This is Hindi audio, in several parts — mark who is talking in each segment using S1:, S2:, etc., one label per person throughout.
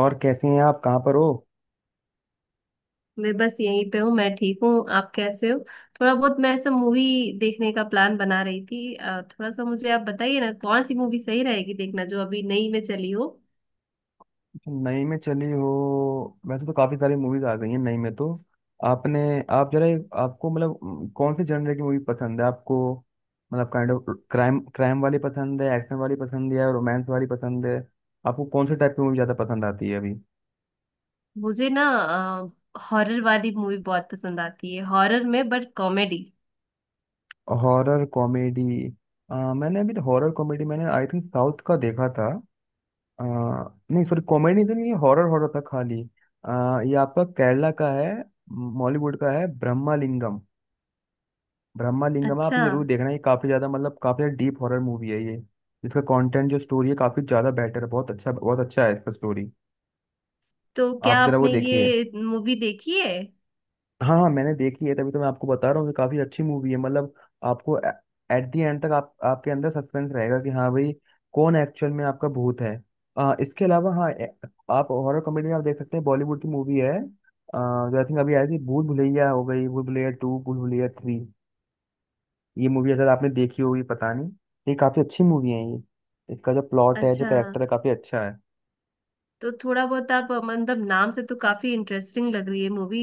S1: और कैसी हैं आप कहाँ पर हो।
S2: मैं बस यहीं पे हूँ। मैं ठीक हूँ, आप कैसे हो? थोड़ा बहुत मैं ऐसा मूवी देखने का प्लान बना रही थी। थोड़ा सा मुझे आप बताइए ना कौन सी मूवी सही रहेगी देखना, जो अभी नई में चली हो।
S1: अच्छा, नई में चली हो। वैसे तो काफी सारी मूवीज आ गई हैं नई में तो। आपने आप जरा आपको मतलब कौन से जनर की मूवी पसंद है आपको। मतलब काइंड ऑफ क्राइम क्राइम वाली पसंद है, एक्शन वाली पसंद है, रोमांस वाली पसंद है। आपको कौन से टाइप की मूवी ज्यादा पसंद आती है अभी।
S2: मुझे ना हॉरर वाली मूवी बहुत पसंद आती है, हॉरर में बट कॉमेडी।
S1: Horror comedy. मैंने अभी हॉरर कॉमेडी मैंने आई थिंक साउथ का देखा था। आ, नहीं सॉरी, कॉमेडी तो नहीं थी, ये हॉरर हॉरर था खाली। ये आपका केरला का है, बॉलीवुड का है ब्रह्मालिंगम। ब्रह्मालिंगम आप
S2: अच्छा,
S1: ये जरूर देखना, ये काफी ज्यादा मतलब काफी ज्यादा डीप हॉरर मूवी है ये। इसका कंटेंट जो स्टोरी है काफी ज्यादा बेटर है, बहुत अच्छा है इसका स्टोरी।
S2: तो क्या
S1: आप जरा वो
S2: आपने
S1: देखिए।
S2: ये मूवी देखी है?
S1: हाँ हाँ मैंने देखी है तभी तो मैं आपको बता रहा हूँ कि काफी अच्छी मूवी है मतलब। आपको एट द एंड तक आप आपके अंदर सस्पेंस रहेगा कि हाँ भाई कौन एक्चुअल में आपका भूत है। इसके अलावा हाँ आप हॉरर कॉमेडी में आप देख सकते हैं, बॉलीवुड की मूवी है, जो आई थिंक अभी आई थी, भूल भुलैया हो गई, भूल भुलैया 2, भूल भुलैया 3। ये मूवी अगर आपने देखी होगी पता नहीं। ये काफी अच्छी मूवी है ये। इसका जो प्लॉट है जो
S2: अच्छा।
S1: कैरेक्टर है काफी अच्छा है।
S2: तो थोड़ा बहुत आप मतलब, नाम से तो काफी इंटरेस्टिंग लग रही है मूवी।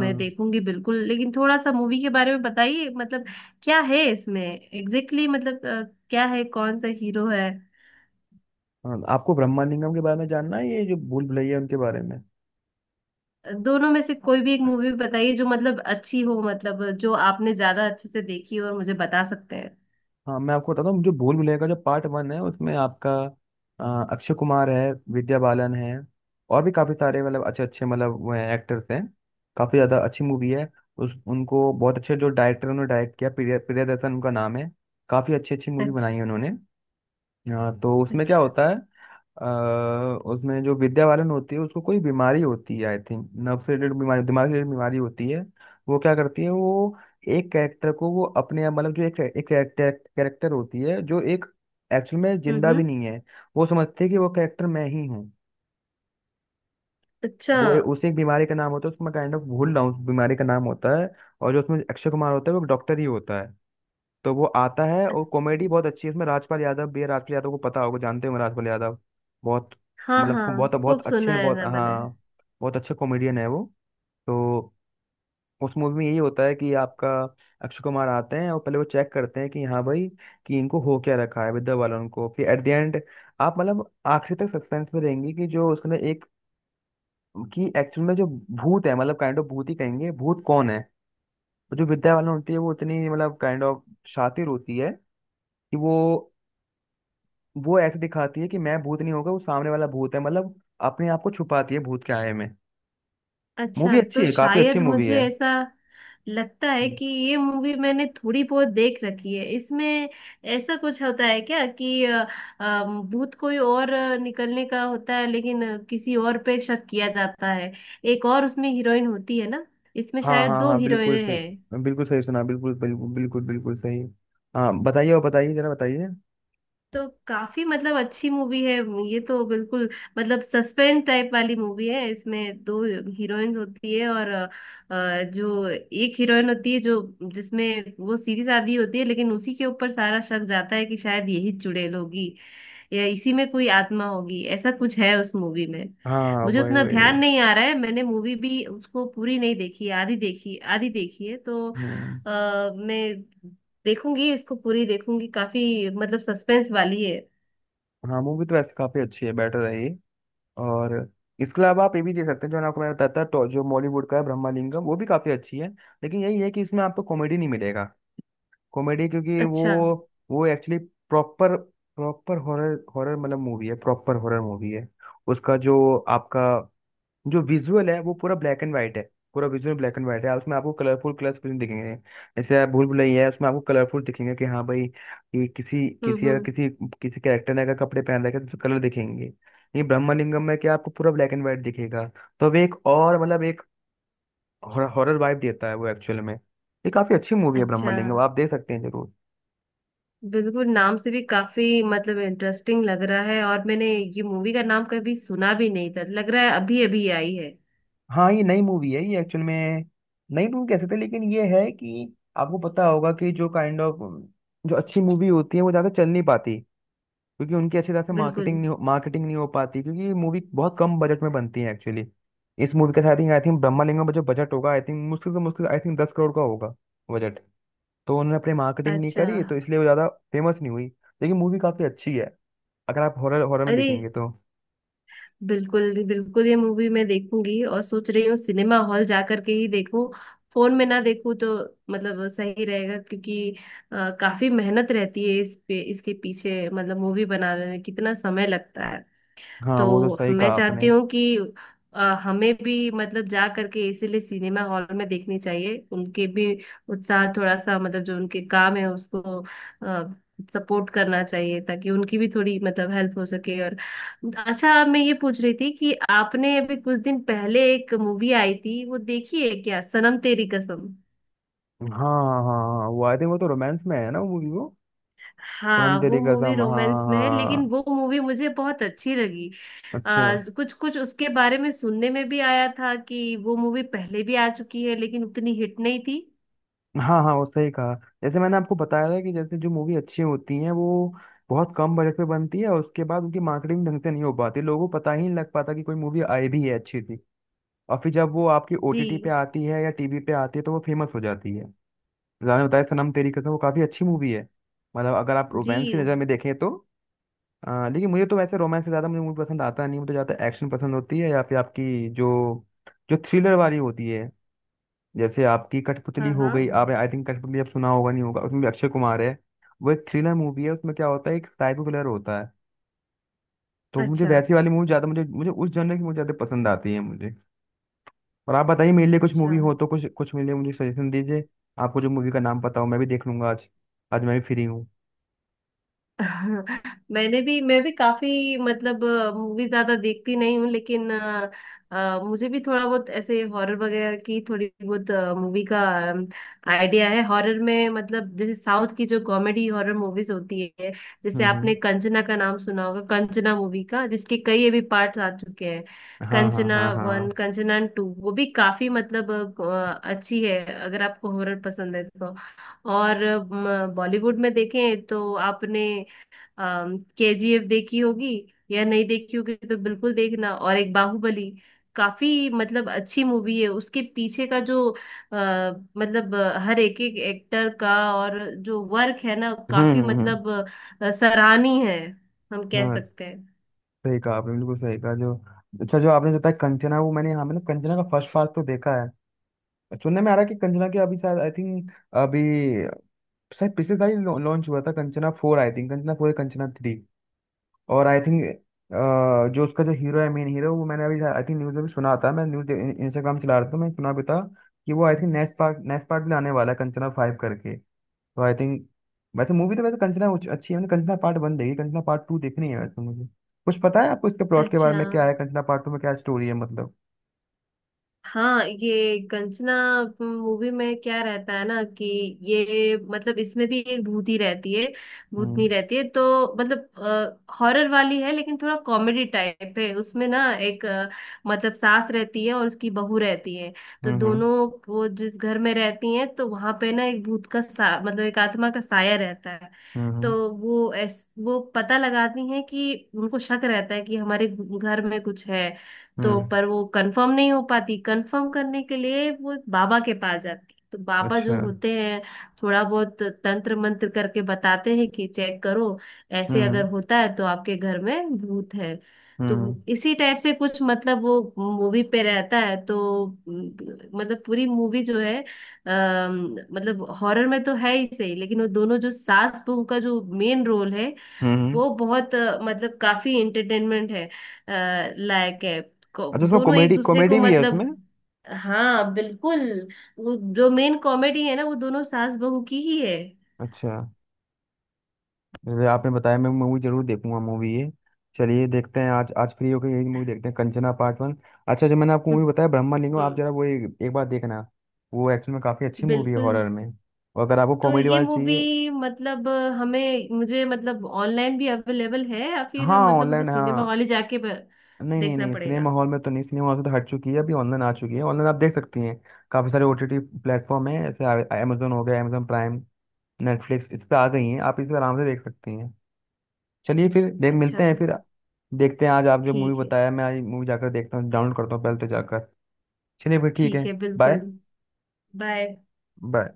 S2: मैं देखूंगी बिल्कुल, लेकिन थोड़ा सा मूवी के बारे में बताइए मतलब क्या है इसमें एग्जैक्टली मतलब क्या है, कौन सा हीरो है?
S1: हाँ, आपको ब्रह्मालिंगम के बारे में जानना है, ये जो भूल भुलैया है, उनके बारे में।
S2: दोनों में से कोई भी एक मूवी बताइए जो मतलब अच्छी हो, मतलब जो आपने ज्यादा अच्छे से देखी हो और मुझे बता सकते हैं।
S1: हाँ मैं आपको बताता हूँ, मुझे भूल भुलैया का जो पार्ट 1 है उसमें आपका अक्षय कुमार है, विद्या बालन है, और भी काफी सारे मतलब अच्छे अच्छे मतलब वो हैं एक्टर्स हैं। काफी ज्यादा अच्छी मूवी है। उस उनको बहुत अच्छे जो डायरेक्टर उन्होंने डायरेक्ट किया, प्रियदर्शन उनका नाम है। काफी अच्छी अच्छी मूवी
S2: अच्छा।
S1: बनाई है उन्होंने। हाँ तो उसमें क्या
S2: अच्छा।
S1: होता है उसमें जो विद्यावालन होती है उसको कोई बीमारी होती है आई थिंक, नर्व से रिलेटेड बीमारी, दिमाग से रिलेटेड बीमारी होती है। वो क्या करती है वो एक कैरेक्टर को वो अपने मतलब जो एक एक कैरेक्टर होती है जो एक एक्चुअल में
S2: हम्म,
S1: जिंदा
S2: हम्म।
S1: भी नहीं है। वो समझती है कि वो कैरेक्टर मैं ही हूँ।
S2: अच्छा।
S1: वो उसे एक बीमारी का नाम होता है उसमें काइंड ऑफ भूल रहा हूँ उस बीमारी का नाम होता है। और जो उसमें अक्षय कुमार होता है वो डॉक्टर ही होता है। तो वो आता है,
S2: अ-
S1: और कॉमेडी बहुत अच्छी है इसमें, राजपाल यादव भी है। राजपाल यादव को पता होगा, जानते होंगे राजपाल यादव। बहुत
S2: हाँ
S1: मतलब
S2: हाँ,
S1: बहुत बहुत
S2: खूब
S1: अच्छे
S2: सुना है
S1: बहुत
S2: ना मैंने।
S1: हाँ, बहुत अच्छे कॉमेडियन है वो। तो उस मूवी में यही होता है कि आपका अक्षय कुमार आते हैं और पहले वो चेक करते हैं कि हाँ भाई कि इनको हो क्या रखा है विद्या बालन को। फिर एट द एंड आप मतलब आखिरी तक सस्पेंस में रहेंगे कि जो उसने एक, कि एक्चुअल में जो भूत है मतलब काइंड ऑफ भूत ही कहेंगे भूत कौन है। तो जो विद्या बालन होती है वो इतनी मतलब काइंड ऑफ शातिर होती है कि वो ऐसे दिखाती है कि मैं भूत नहीं होगा, वो सामने वाला भूत है, मतलब अपने आप को छुपाती है भूत के आए में। मूवी
S2: अच्छा,
S1: अच्छी
S2: तो
S1: है, काफी अच्छी
S2: शायद
S1: मूवी
S2: मुझे
S1: है।
S2: ऐसा लगता है
S1: हम्म।
S2: कि ये मूवी मैंने थोड़ी बहुत देख रखी है। इसमें ऐसा कुछ होता है क्या कि अ, भूत कोई और निकलने का होता है लेकिन किसी और पे शक किया जाता है। एक और उसमें हीरोइन होती है ना, इसमें
S1: हाँ
S2: शायद
S1: हाँ
S2: दो
S1: हाँ, बिल्कुल
S2: हीरोइनें
S1: सही।
S2: हैं।
S1: बिल्कुल सही सुना, बिल्कुल बिल्कुल बिल्कुल बिल्कुल सही। हाँ बताइए, और बताइए, जरा बताइए।
S2: तो काफी मतलब अच्छी मूवी है ये, तो बिल्कुल मतलब सस्पेंस टाइप वाली मूवी है। इसमें दो हीरोइंस होती है और जो एक हीरोइन होती है, जो जिसमें वो सीधी सादी होती है लेकिन उसी के ऊपर सारा शक जाता है कि शायद यही चुड़ैल होगी या इसी में कोई आत्मा होगी, ऐसा कुछ है उस मूवी में।
S1: हाँ
S2: मुझे
S1: वही
S2: उतना
S1: वही
S2: ध्यान
S1: वही।
S2: नहीं आ रहा है, मैंने मूवी भी उसको पूरी नहीं देखी, आधी देखी आधी देखी है तो
S1: हम्म।
S2: मैं देखूंगी इसको, पूरी देखूंगी, काफी मतलब सस्पेंस वाली है।
S1: हाँ मूवी तो वैसे काफी अच्छी है बेटर है ये। और इसके अलावा आप ये भी दे सकते हैं जो आपको मैं बताता था, तो जो बॉलीवुड का है ब्रह्मालिंगम वो भी काफी अच्छी है, लेकिन यही है कि इसमें आपको कॉमेडी नहीं मिलेगा। कॉमेडी क्योंकि
S2: अच्छा।
S1: वो actually proper proper horror horror मतलब मूवी है, प्रॉपर हॉरर मूवी है। उसका जो आपका जो विजुअल है वो पूरा ब्लैक एंड वाइट है, पूरा विजुअल ब्लैक एंड वाइट है। उसमें आपको कलरफुल कलर्स कुछ नहीं दिखेंगे। जैसे आप भूल भुलैया है उसमें आपको कलरफुल दिखेंगे कि हाँ भाई, ये किसी
S2: हम्म,
S1: किसी अगर
S2: हम्म।
S1: किसी किसी कैरेक्टर ने अगर कपड़े पहन रखे हैं, तो कलर दिखेंगे। ये ब्रह्मलिंगम में क्या आपको पूरा ब्लैक एंड वाइट दिखेगा। तो अब एक और मतलब एक हॉरर वाइब देता है वो एक्चुअल में, ये काफी अच्छी मूवी है
S2: अच्छा।
S1: ब्रह्मलिंगम, आप देख सकते हैं जरूर।
S2: बिल्कुल, नाम से भी काफी मतलब इंटरेस्टिंग लग रहा है और मैंने ये मूवी का नाम कभी सुना भी नहीं था, लग रहा है अभी अभी आई है।
S1: हाँ ये नई मूवी है ये एक्चुअल में, नई मूवी कह सकते हैं, लेकिन ये है कि आपको पता होगा कि जो काइंड ऑफ जो अच्छी मूवी होती है वो ज़्यादा चल नहीं पाती, क्योंकि उनकी अच्छी तरह से
S2: बिल्कुल।
S1: मार्केटिंग नहीं हो पाती, क्योंकि ये मूवी बहुत कम बजट में बनती है एक्चुअली। इस मूवी का आई थिंक ब्रह्मालिंगम का जो बजट होगा आई थिंक मुश्किल से मुश्किल आई थिंक 10 करोड़ का होगा बजट। तो उन्होंने अपनी मार्केटिंग नहीं
S2: अच्छा।
S1: करी तो इसलिए वो ज़्यादा फेमस नहीं हुई। लेकिन मूवी काफ़ी अच्छी है अगर आप हॉरर हॉरर में
S2: अरे,
S1: देखेंगे तो।
S2: बिल्कुल बिल्कुल ये मूवी मैं देखूंगी और सोच रही हूँ सिनेमा हॉल जा करके ही देखूं, फोन में ना देखूं। तो मतलब सही रहेगा, क्योंकि काफी मेहनत रहती है इस पे, इसके पीछे मतलब मूवी बनाने में कितना समय लगता है।
S1: हाँ वो तो
S2: तो
S1: सही कहा
S2: मैं चाहती
S1: आपने।
S2: हूँ कि हमें भी मतलब जा करके इसीलिए सिनेमा हॉल में देखनी चाहिए, उनके भी उत्साह थोड़ा सा मतलब जो उनके काम है उसको सपोर्ट करना चाहिए, ताकि उनकी भी थोड़ी मतलब हेल्प हो सके। और अच्छा, मैं ये पूछ रही थी कि आपने अभी कुछ दिन पहले एक मूवी आई थी वो देखी है क्या, सनम तेरी कसम?
S1: हाँ हाँ हाँ हाँ, वो आई थिंक वो तो रोमांस में है ना वो मूवी, वो सनम
S2: हाँ, वो
S1: तेरी
S2: मूवी
S1: कसम, हाँ
S2: रोमांस में है लेकिन
S1: हाँ,
S2: वो मूवी मुझे बहुत अच्छी लगी।
S1: अच्छा।
S2: कुछ कुछ उसके बारे में सुनने में भी आया था कि वो मूवी पहले भी आ चुकी है लेकिन उतनी हिट नहीं थी।
S1: हाँ हाँ वो सही कहा, जैसे मैंने आपको बताया था कि जैसे जो मूवी अच्छी होती हैं वो बहुत कम बजट पे बनती है और उसके बाद उनकी मार्केटिंग ढंग से नहीं हो पाती, लोगों को पता ही नहीं लग पाता कि कोई मूवी आई भी है अच्छी थी। और फिर जब वो आपकी ओटीटी पे
S2: जी।
S1: आती है या टीवी पे आती है तो वो फेमस हो जाती है। मैंने बताया सनम तेरी कसम वो काफी अच्छी मूवी है, मतलब अगर आप
S2: जी।
S1: रोमांस की नज़र में देखें तो। लेकिन मुझे तो वैसे रोमांस से ज़्यादा मुझे मूवी पसंद आता नहीं, मुझे ज़्यादा एक्शन पसंद होती है या फिर आपकी जो जो थ्रिलर वाली होती है, जैसे आपकी कठपुतली
S2: हाँ
S1: हो
S2: हाँ।
S1: गई। आप आई थिंक कठपुतली आप सुना होगा नहीं होगा, उसमें भी अक्षय कुमार है। वो एक थ्रिलर मूवी है, उसमें क्या होता है एक साइको किलर होता है। तो मुझे
S2: अच्छा।
S1: वैसी वाली मूवी ज़्यादा मुझे मुझे उस जनर की मुझे ज़्यादा पसंद आती है मुझे। और आप बताइए मेरे लिए कुछ
S2: अच्छा।
S1: मूवी हो तो कुछ कुछ मेरे लिए मुझे सजेशन दीजिए। आपको जो मूवी का नाम पता हो मैं भी देख लूंगा आज, आज मैं भी फ्री हूँ।
S2: मैंने भी मैं भी काफी मतलब मूवी ज्यादा देखती नहीं हूँ, लेकिन मुझे भी थोड़ा बहुत ऐसे हॉरर वगैरह की थोड़ी बहुत मूवी का आइडिया है। हॉरर में मतलब जैसे साउथ की जो कॉमेडी हॉरर मूवीज होती है, जैसे
S1: हम्म।
S2: आपने कंचना का नाम सुना होगा, कंचना मूवी का जिसके कई अभी पार्ट्स आ चुके हैं।
S1: हाँ हाँ
S2: कंचना
S1: हाँ
S2: वन
S1: हाँ।
S2: कंचना टू, वो भी काफी मतलब अच्छी है, अगर आपको हॉरर पसंद है तो। और बॉलीवुड में देखें तो आपने केजीएफ देखी होगी या नहीं देखी होगी तो बिल्कुल देखना, और एक बाहुबली। काफी मतलब अच्छी मूवी है, उसके पीछे का जो मतलब हर एक एक एक्टर का और जो वर्क है ना
S1: हम्म
S2: काफी
S1: हम्म, हम्म।
S2: मतलब सराहनीय है हम कह
S1: हाँ
S2: सकते हैं।
S1: सही कहा आपने, बिल्कुल सही कहा जो। अच्छा जो आपने बताया कंचना, वो मैंने, हाँ मैंने कंचना का फर्स्ट पार्ट तो देखा है। सुनने में आ रहा है कि कंचना के अभी शायद आई थिंक अभी शायद पिछले साल लॉन्च हुआ था कंचना 4, आई थिंक कंचना 4, कंचना 3। और आई थिंक जो उसका जो हीरो है मेन हीरो वो मैंने अभी आई थिंक न्यूज़ में भी सुना था, मैं न्यूज इंस्टाग्राम चला रहा था मैं सुना भी था कि वो आई थिंक नेक्स्ट पार्ट में आने वाला है कंचना 5 करके। तो आई थिंक वैसे मूवी तो वैसे कंचना अच्छी है। मैंने कंचना पार्ट 1 देखी, कंचना पार्ट 2 देखनी है वैसे मुझे। कुछ पता है आपको इसके प्लॉट के
S2: अच्छा।
S1: बारे में क्या है कंचना पार्ट 2 में क्या स्टोरी है मतलब।
S2: हाँ, ये कंचना मूवी में क्या रहता है ना कि ये मतलब इसमें भी एक भूत ही रहती है, भूतनी
S1: हम्म
S2: रहती है। तो मतलब हॉरर वाली है लेकिन थोड़ा कॉमेडी टाइप है उसमें ना। एक मतलब सास रहती है और उसकी बहू रहती है, तो
S1: हम्म
S2: दोनों वो जिस घर में रहती हैं तो वहां पे ना एक भूत का सा मतलब एक आत्मा का साया रहता है।
S1: हम्म हम्म
S2: तो वो वो पता लगाती हैं कि उनको शक रहता है कि हमारे घर में कुछ है। तो
S1: हम्म,
S2: पर वो कंफर्म नहीं हो पाती, कंफर्म करने के लिए वो बाबा के पास जाती तो बाबा
S1: अच्छा।
S2: जो होते हैं थोड़ा बहुत तंत्र मंत्र करके बताते हैं कि चेक करो,
S1: हम्म
S2: ऐसे
S1: हम्म
S2: अगर होता है तो आपके घर में भूत है। तो
S1: हम्म
S2: इसी टाइप से कुछ मतलब वो मूवी पे रहता है। तो मतलब पूरी मूवी जो है मतलब हॉरर में तो है ही सही, लेकिन वो दोनों जो सास बहू का जो मेन रोल है
S1: हम्म, हम्म,
S2: वो बहुत मतलब काफी इंटरटेनमेंट है लायक है।
S1: अच्छा उसमें
S2: दोनों एक
S1: कॉमेडी
S2: दूसरे को
S1: कॉमेडी भी है
S2: मतलब।
S1: उसमें।
S2: हाँ बिल्कुल, वो जो मेन कॉमेडी है ना वो दोनों सास बहू की ही है।
S1: अच्छा जैसे आपने बताया मैं मूवी जरूर देखूंगा, मूवी ये। चलिए देखते हैं आज, आज फ्री होकर यही मूवी देखते हैं, कंचना पार्ट 1। अच्छा जो मैंने आपको मूवी
S2: हम्म,
S1: बताया ब्रह्मालिंगम, आप
S2: हम्म।
S1: जरा वो एक बार देखना। वो एक्चुअल में काफ़ी अच्छी मूवी है
S2: बिल्कुल।
S1: हॉरर में। और अगर आपको
S2: तो
S1: कॉमेडी
S2: ये
S1: वाला चाहिए।
S2: मूवी मतलब हमें मुझे मतलब ऑनलाइन भी अवेलेबल है या
S1: हाँ
S2: फिर मतलब मुझे
S1: ऑनलाइन
S2: सिनेमा
S1: हाँ।
S2: हॉल ही जाके
S1: नहीं नहीं
S2: देखना
S1: नहीं,
S2: पड़ेगा?
S1: सिनेमा हॉल में तो नहीं, सिनेमा हॉल से तो हट चुकी है, अभी ऑनलाइन आ चुकी है, ऑनलाइन आप देख सकती हैं। काफ़ी सारे ओटीटी प्लेटफॉर्म हैं जैसे अमेजोन हो गया, अमेजोन प्राइम, नेटफ्लिक्स, इस पे आ गई हैं, आप इस पे आराम से देख सकती हैं। चलिए फिर देख
S2: अच्छा।
S1: मिलते हैं
S2: तो
S1: फिर। देखते हैं आज, आप जो मूवी
S2: ठीक है।
S1: बताया मैं आज मूवी जाकर देखता हूँ, डाउनलोड करता हूँ पहले तो जाकर। चलिए फिर ठीक
S2: ठीक
S1: है।
S2: है बिल्कुल।
S1: बाय।
S2: बाय।
S1: बाय।